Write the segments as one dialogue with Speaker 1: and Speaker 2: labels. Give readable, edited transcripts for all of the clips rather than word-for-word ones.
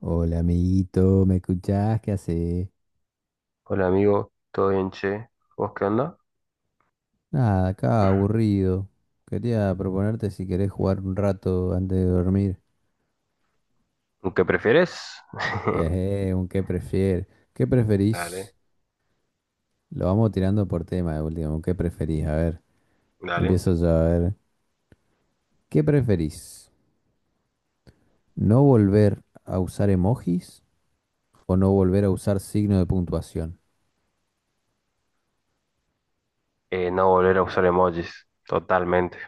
Speaker 1: Hola, amiguito, ¿me escuchás? ¿Qué haces?
Speaker 2: Hola amigo, ¿todo bien, che? ¿Vos qué onda?
Speaker 1: Nada, acá aburrido. Quería proponerte si querés jugar un rato antes de dormir.
Speaker 2: ¿Qué prefieres?
Speaker 1: Un qué prefieres. ¿Qué preferís?
Speaker 2: Dale,
Speaker 1: Lo vamos tirando por tema de último. ¿Un qué preferís? A ver,
Speaker 2: dale.
Speaker 1: empiezo yo a ver. ¿Qué preferís? ¿No volver a usar emojis o no volver a usar signo de puntuación?
Speaker 2: No volver a usar emojis, totalmente.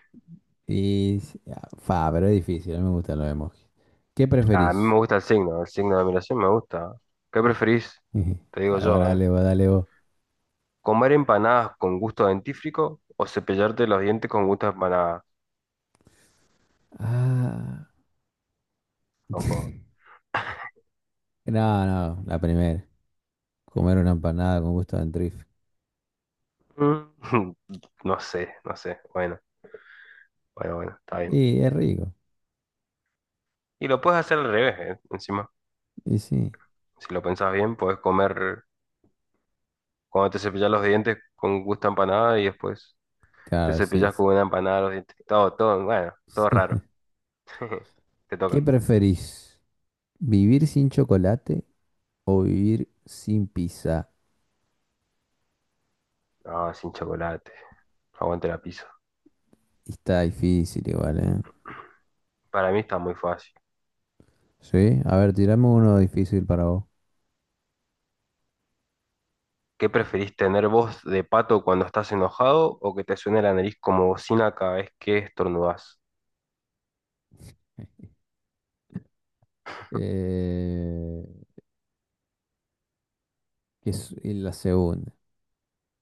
Speaker 1: Pero es difícil, a mí me gustan los emojis. ¿Qué
Speaker 2: A mí me
Speaker 1: preferís?
Speaker 2: gusta el signo de admiración me gusta. ¿Qué preferís? Te digo
Speaker 1: Ahora
Speaker 2: yo, ¿eh?
Speaker 1: dale vos, dale vos.
Speaker 2: ¿Comer empanadas con gusto a dentífrico o cepillarte los dientes con gusto a empanada?
Speaker 1: Ah.
Speaker 2: Ojo.
Speaker 1: No, no, la primera. Comer una empanada con gusto de antrife.
Speaker 2: Mm, No sé, no sé. Bueno, bueno, bueno, está bien.
Speaker 1: Y es rico.
Speaker 2: Y lo puedes hacer al revés, ¿eh? Encima,
Speaker 1: Y sí,
Speaker 2: si lo pensás bien, puedes comer cuando te cepillas los dientes con gusto a empanada y después te
Speaker 1: claro, sí.
Speaker 2: cepillas
Speaker 1: Es.
Speaker 2: con una empanada los dientes. Todo, todo, bueno, todo raro. Te
Speaker 1: ¿Qué
Speaker 2: toca.
Speaker 1: preferís? ¿Vivir sin chocolate o vivir sin pizza?
Speaker 2: No, sin chocolate. Aguante la pizza.
Speaker 1: Está difícil igual, ¿eh?
Speaker 2: Para mí está muy fácil.
Speaker 1: Sí, a ver, tirame uno difícil para vos.
Speaker 2: ¿Qué preferís tener voz de pato cuando estás enojado o que te suene la nariz como bocina cada vez que estornudás?
Speaker 1: Eh, que es y la segunda.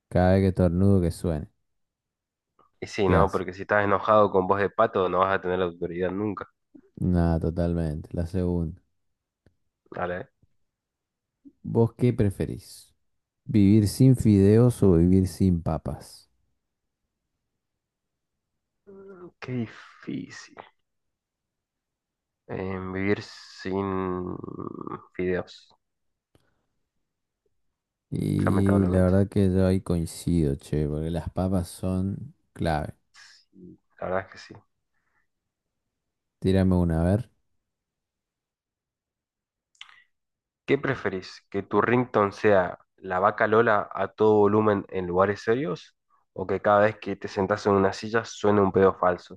Speaker 1: Cada vez que estornudo que suene.
Speaker 2: Y sí,
Speaker 1: ¿Qué
Speaker 2: no,
Speaker 1: hace?
Speaker 2: porque si estás enojado con voz de pato no vas a tener la autoridad nunca.
Speaker 1: Nada, totalmente. La segunda.
Speaker 2: Dale.
Speaker 1: ¿Vos qué preferís? ¿Vivir sin fideos o vivir sin papas?
Speaker 2: Mm, qué difícil. Vivir sin fideos,
Speaker 1: Y la
Speaker 2: lamentablemente.
Speaker 1: verdad que yo ahí coincido, che, porque las papas son clave.
Speaker 2: Sí, la verdad es que sí.
Speaker 1: Tírame una, a ver.
Speaker 2: ¿Qué preferís? ¿Que tu ringtone sea la vaca Lola a todo volumen en lugares serios? ¿O que cada vez que te sentás en una silla suene un pedo falso?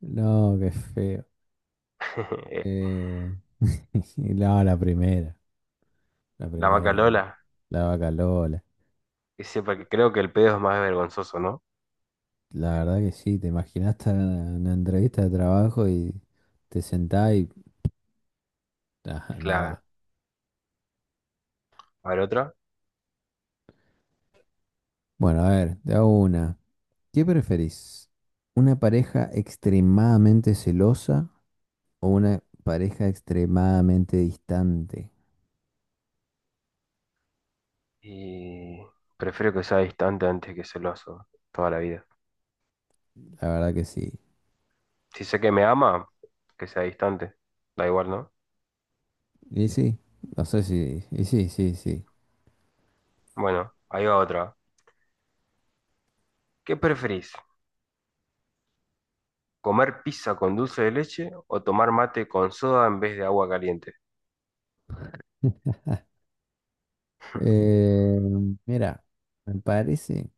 Speaker 1: No, qué feo. Eh, no, la primera, la
Speaker 2: La vaca
Speaker 1: primera.
Speaker 2: Lola,
Speaker 1: La vaca Lola.
Speaker 2: que sepa que creo que el pedo es más vergonzoso, ¿no?
Speaker 1: La verdad que sí, te imaginaste una entrevista de trabajo y te sentás y ah, no da.
Speaker 2: Claro. A ver otra.
Speaker 1: Bueno, a ver, te hago una. ¿Qué preferís? ¿Una pareja extremadamente celosa o una pareja extremadamente distante?
Speaker 2: Y prefiero que sea distante antes que celoso, toda la vida.
Speaker 1: La verdad que sí.
Speaker 2: Si sé que me ama, que sea distante. Da igual, ¿no?
Speaker 1: Y sí, no sé si. Y sí, sí, sí.
Speaker 2: Bueno, ahí va otra. ¿Qué preferís? ¿Comer pizza con dulce de leche o tomar mate con soda en vez de agua caliente?
Speaker 1: Eh, mira, me parece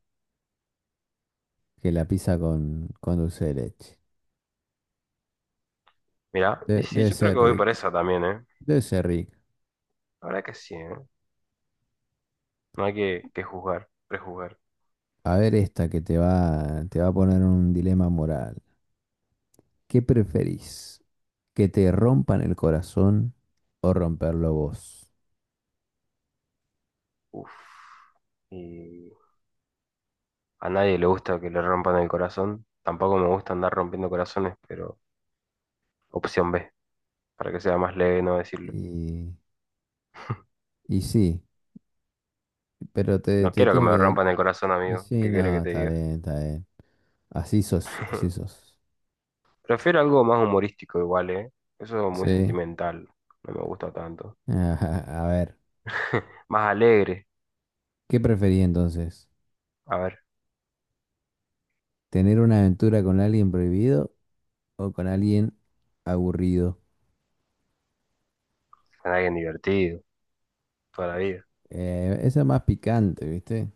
Speaker 1: que la pizza con dulce de leche.
Speaker 2: Mira, y sí,
Speaker 1: Debe
Speaker 2: yo creo que
Speaker 1: ser
Speaker 2: voy por
Speaker 1: rica,
Speaker 2: esa también, ¿eh?
Speaker 1: debe ser rica.
Speaker 2: La verdad que sí, ¿eh? No hay que juzgar, prejuzgar.
Speaker 1: A ver esta que te va a poner en un dilema moral. ¿Qué preferís? ¿Que te rompan el corazón o romperlo vos?
Speaker 2: Uf. Y a nadie le gusta que le rompan el corazón. Tampoco me gusta andar rompiendo corazones, pero opción B, para que sea más leve no decirlo.
Speaker 1: Y, y sí, pero
Speaker 2: No
Speaker 1: te
Speaker 2: quiero que
Speaker 1: tiene que
Speaker 2: me
Speaker 1: dar...
Speaker 2: rompan el corazón,
Speaker 1: Y
Speaker 2: amigo.
Speaker 1: sí,
Speaker 2: ¿Qué querés que
Speaker 1: no,
Speaker 2: te
Speaker 1: está
Speaker 2: diga?
Speaker 1: bien, está bien. Así sos, así sos.
Speaker 2: Prefiero algo más humorístico igual, ¿eh? Eso es muy
Speaker 1: Sí.
Speaker 2: sentimental. No me gusta tanto.
Speaker 1: A ver.
Speaker 2: Más alegre.
Speaker 1: ¿Qué preferí entonces?
Speaker 2: A ver,
Speaker 1: ¿Tener una aventura con alguien prohibido o con alguien aburrido?
Speaker 2: con alguien divertido, toda la vida.
Speaker 1: Esa es más picante, ¿viste?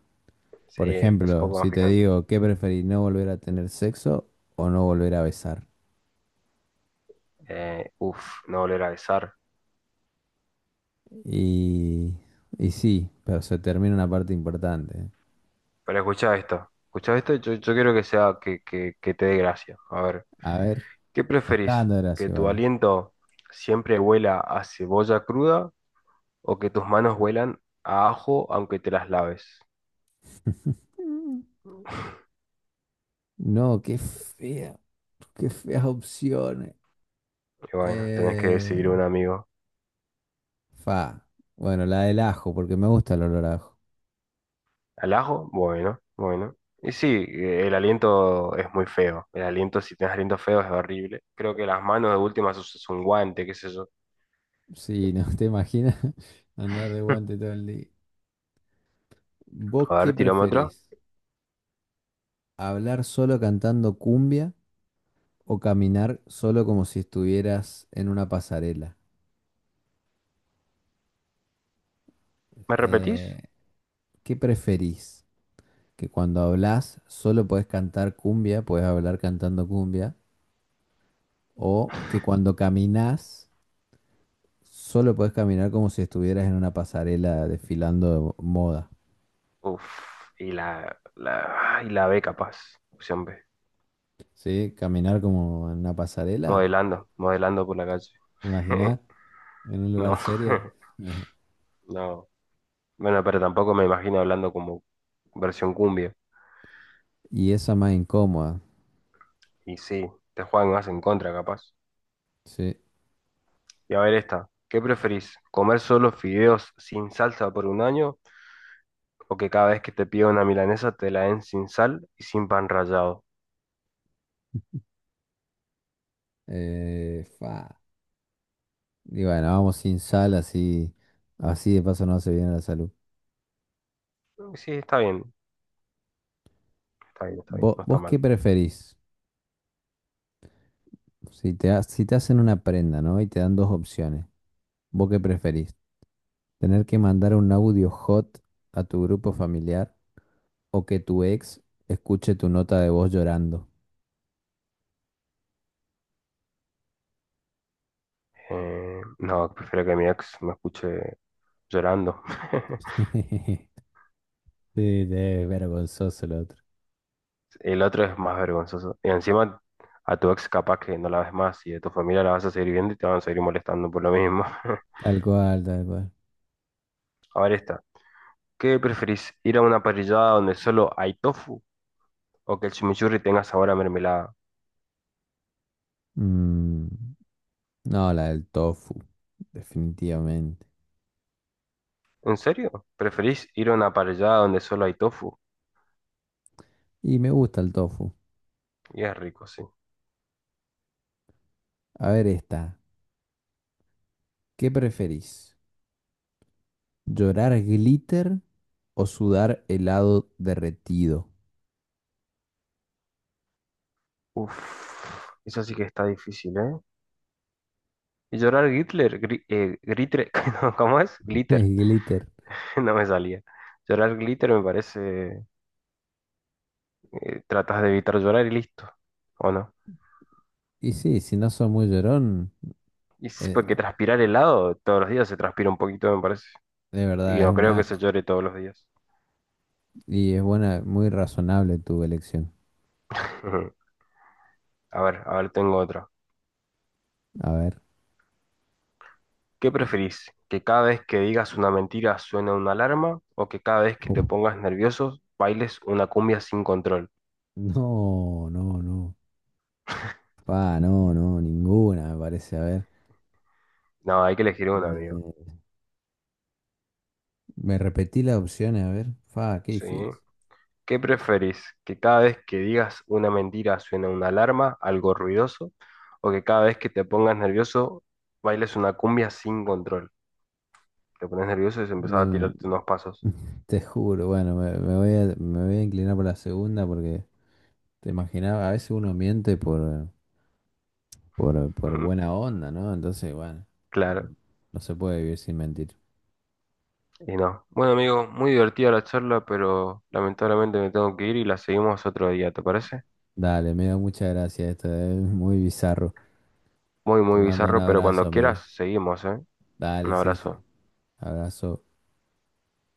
Speaker 2: Sí,
Speaker 1: Por
Speaker 2: es un
Speaker 1: ejemplo,
Speaker 2: poco más
Speaker 1: si te
Speaker 2: picante.
Speaker 1: digo, ¿qué preferí? ¿No volver a tener sexo o no volver a besar?
Speaker 2: Uf, no volver a besar.
Speaker 1: Y, y sí, pero se termina una parte importante.
Speaker 2: Pero escucha esto. Escucha esto, yo quiero que sea que te dé gracia. A ver,
Speaker 1: A ver,
Speaker 2: ¿qué
Speaker 1: me está
Speaker 2: preferís?
Speaker 1: dando
Speaker 2: ¿Que
Speaker 1: gracia,
Speaker 2: tu
Speaker 1: ¿vale?
Speaker 2: aliento siempre huela a cebolla cruda o que tus manos huelan a ajo aunque te las laves?
Speaker 1: Mm. No, qué fea, qué feas opciones.
Speaker 2: Y bueno, tenés que
Speaker 1: Eh,
Speaker 2: decidir un amigo.
Speaker 1: fa. Bueno, la del ajo, porque me gusta el olor a ajo.
Speaker 2: ¿Al ajo? Bueno, bueno. Y sí, el aliento es muy feo. El aliento, si tenés aliento feo, es horrible. Creo que las manos de última usas un guante, qué sé yo.
Speaker 1: Sí, no te imaginas andar de guante todo el día. ¿Vos
Speaker 2: A
Speaker 1: qué
Speaker 2: ver, tirame otro.
Speaker 1: preferís? ¿Hablar solo cantando cumbia o caminar solo como si estuvieras en una pasarela?
Speaker 2: ¿Me repetís?
Speaker 1: Eh, ¿Qué preferís? ¿Que cuando hablas solo podés cantar cumbia, podés hablar cantando cumbia? ¿O que cuando caminás solo podés caminar como si estuvieras en una pasarela desfilando moda?
Speaker 2: Uf, y ay, la B capaz, opción B.
Speaker 1: ¿Sí? ¿Caminar como en una pasarela?
Speaker 2: Modelando, modelando por la calle.
Speaker 1: ¿Te imaginás? ¿En un lugar
Speaker 2: No,
Speaker 1: serio?
Speaker 2: no. Bueno, pero tampoco me imagino hablando como versión cumbia.
Speaker 1: Y esa más incómoda,
Speaker 2: Y sí, te juegan más en contra, capaz.
Speaker 1: sí.
Speaker 2: Y a ver esta, ¿qué preferís? ¿Comer solo fideos sin salsa por un año? ¿O que cada vez que te pida una milanesa te la den sin sal y sin pan rallado?
Speaker 1: Fa. Y bueno, vamos sin sal, así, así de paso no hace bien a la salud.
Speaker 2: Sí, está bien, está bien, está bien,
Speaker 1: ¿
Speaker 2: no está
Speaker 1: vos qué
Speaker 2: mal.
Speaker 1: preferís? Si si te hacen una prenda, ¿no? Y te dan dos opciones. ¿Vos qué preferís? ¿Tener que mandar un audio hot a tu grupo familiar o que tu ex escuche tu nota de voz llorando?
Speaker 2: No, prefiero que mi ex me escuche llorando.
Speaker 1: Sí, es vergonzoso el otro.
Speaker 2: El otro es más vergonzoso. Y encima a tu ex capaz que no la ves más y de tu familia la vas a seguir viendo y te van a seguir molestando por lo mismo.
Speaker 1: Tal cual, tal cual.
Speaker 2: A ver esta. ¿Qué preferís? ¿Ir a una parrillada donde solo hay tofu o que el chimichurri tenga sabor a mermelada?
Speaker 1: Mm, no, la del tofu, definitivamente.
Speaker 2: ¿En serio? ¿Preferís ir a una parrillada donde solo hay tofu?
Speaker 1: Y me gusta el tofu.
Speaker 2: Y es rico, sí.
Speaker 1: A ver esta. ¿Qué preferís? ¿Llorar glitter o sudar helado derretido?
Speaker 2: Uf, eso sí que está difícil, ¿eh? Y llorar glitter, glitter, no, ¿cómo es? Glitter,
Speaker 1: Glitter.
Speaker 2: no me salía. Llorar glitter me parece, tratas de evitar llorar y listo, ¿o no?
Speaker 1: Y sí, si no sos muy llorón,
Speaker 2: Y sí,
Speaker 1: eh,
Speaker 2: porque transpirar helado todos los días se transpira un poquito, me parece.
Speaker 1: de
Speaker 2: Y
Speaker 1: verdad es
Speaker 2: no
Speaker 1: un
Speaker 2: creo que se
Speaker 1: asco.
Speaker 2: llore todos los días.
Speaker 1: Y es buena, muy razonable tu elección.
Speaker 2: A ver, tengo otra.
Speaker 1: A ver.
Speaker 2: ¿Qué preferís? ¿Que cada vez que digas una mentira suene una alarma o que cada vez que
Speaker 1: Uf.
Speaker 2: te pongas nervioso bailes una cumbia sin control?
Speaker 1: No, no, no. Fa, no, no, ninguna me parece. A ver.
Speaker 2: No, hay que elegir una, amigo.
Speaker 1: Eh, me repetí las opciones, a ver. Fa, qué
Speaker 2: ¿Sí?
Speaker 1: difícil.
Speaker 2: ¿Qué preferís? ¿Que cada vez que digas una mentira suene una alarma, algo ruidoso? ¿O que cada vez que te pongas nervioso bailes una cumbia sin control? Te pones nervioso y se empezás a
Speaker 1: Me,
Speaker 2: tirarte unos pasos.
Speaker 1: te juro, bueno, me voy a me voy a inclinar por la segunda porque te imaginaba, a veces uno miente por buena onda, ¿no? Entonces, bueno, no,
Speaker 2: Claro,
Speaker 1: no se puede vivir sin mentir.
Speaker 2: y no. Bueno, amigo, muy divertida la charla, pero lamentablemente me tengo que ir y la seguimos otro día, ¿te parece?
Speaker 1: Dale, me dio muchas gracias, esto es muy bizarro.
Speaker 2: Muy,
Speaker 1: Te
Speaker 2: muy
Speaker 1: mando un
Speaker 2: bizarro, pero
Speaker 1: abrazo,
Speaker 2: cuando
Speaker 1: amigo.
Speaker 2: quieras, seguimos, ¿eh? Un
Speaker 1: Dale, sí, sí.
Speaker 2: abrazo.
Speaker 1: Abrazo.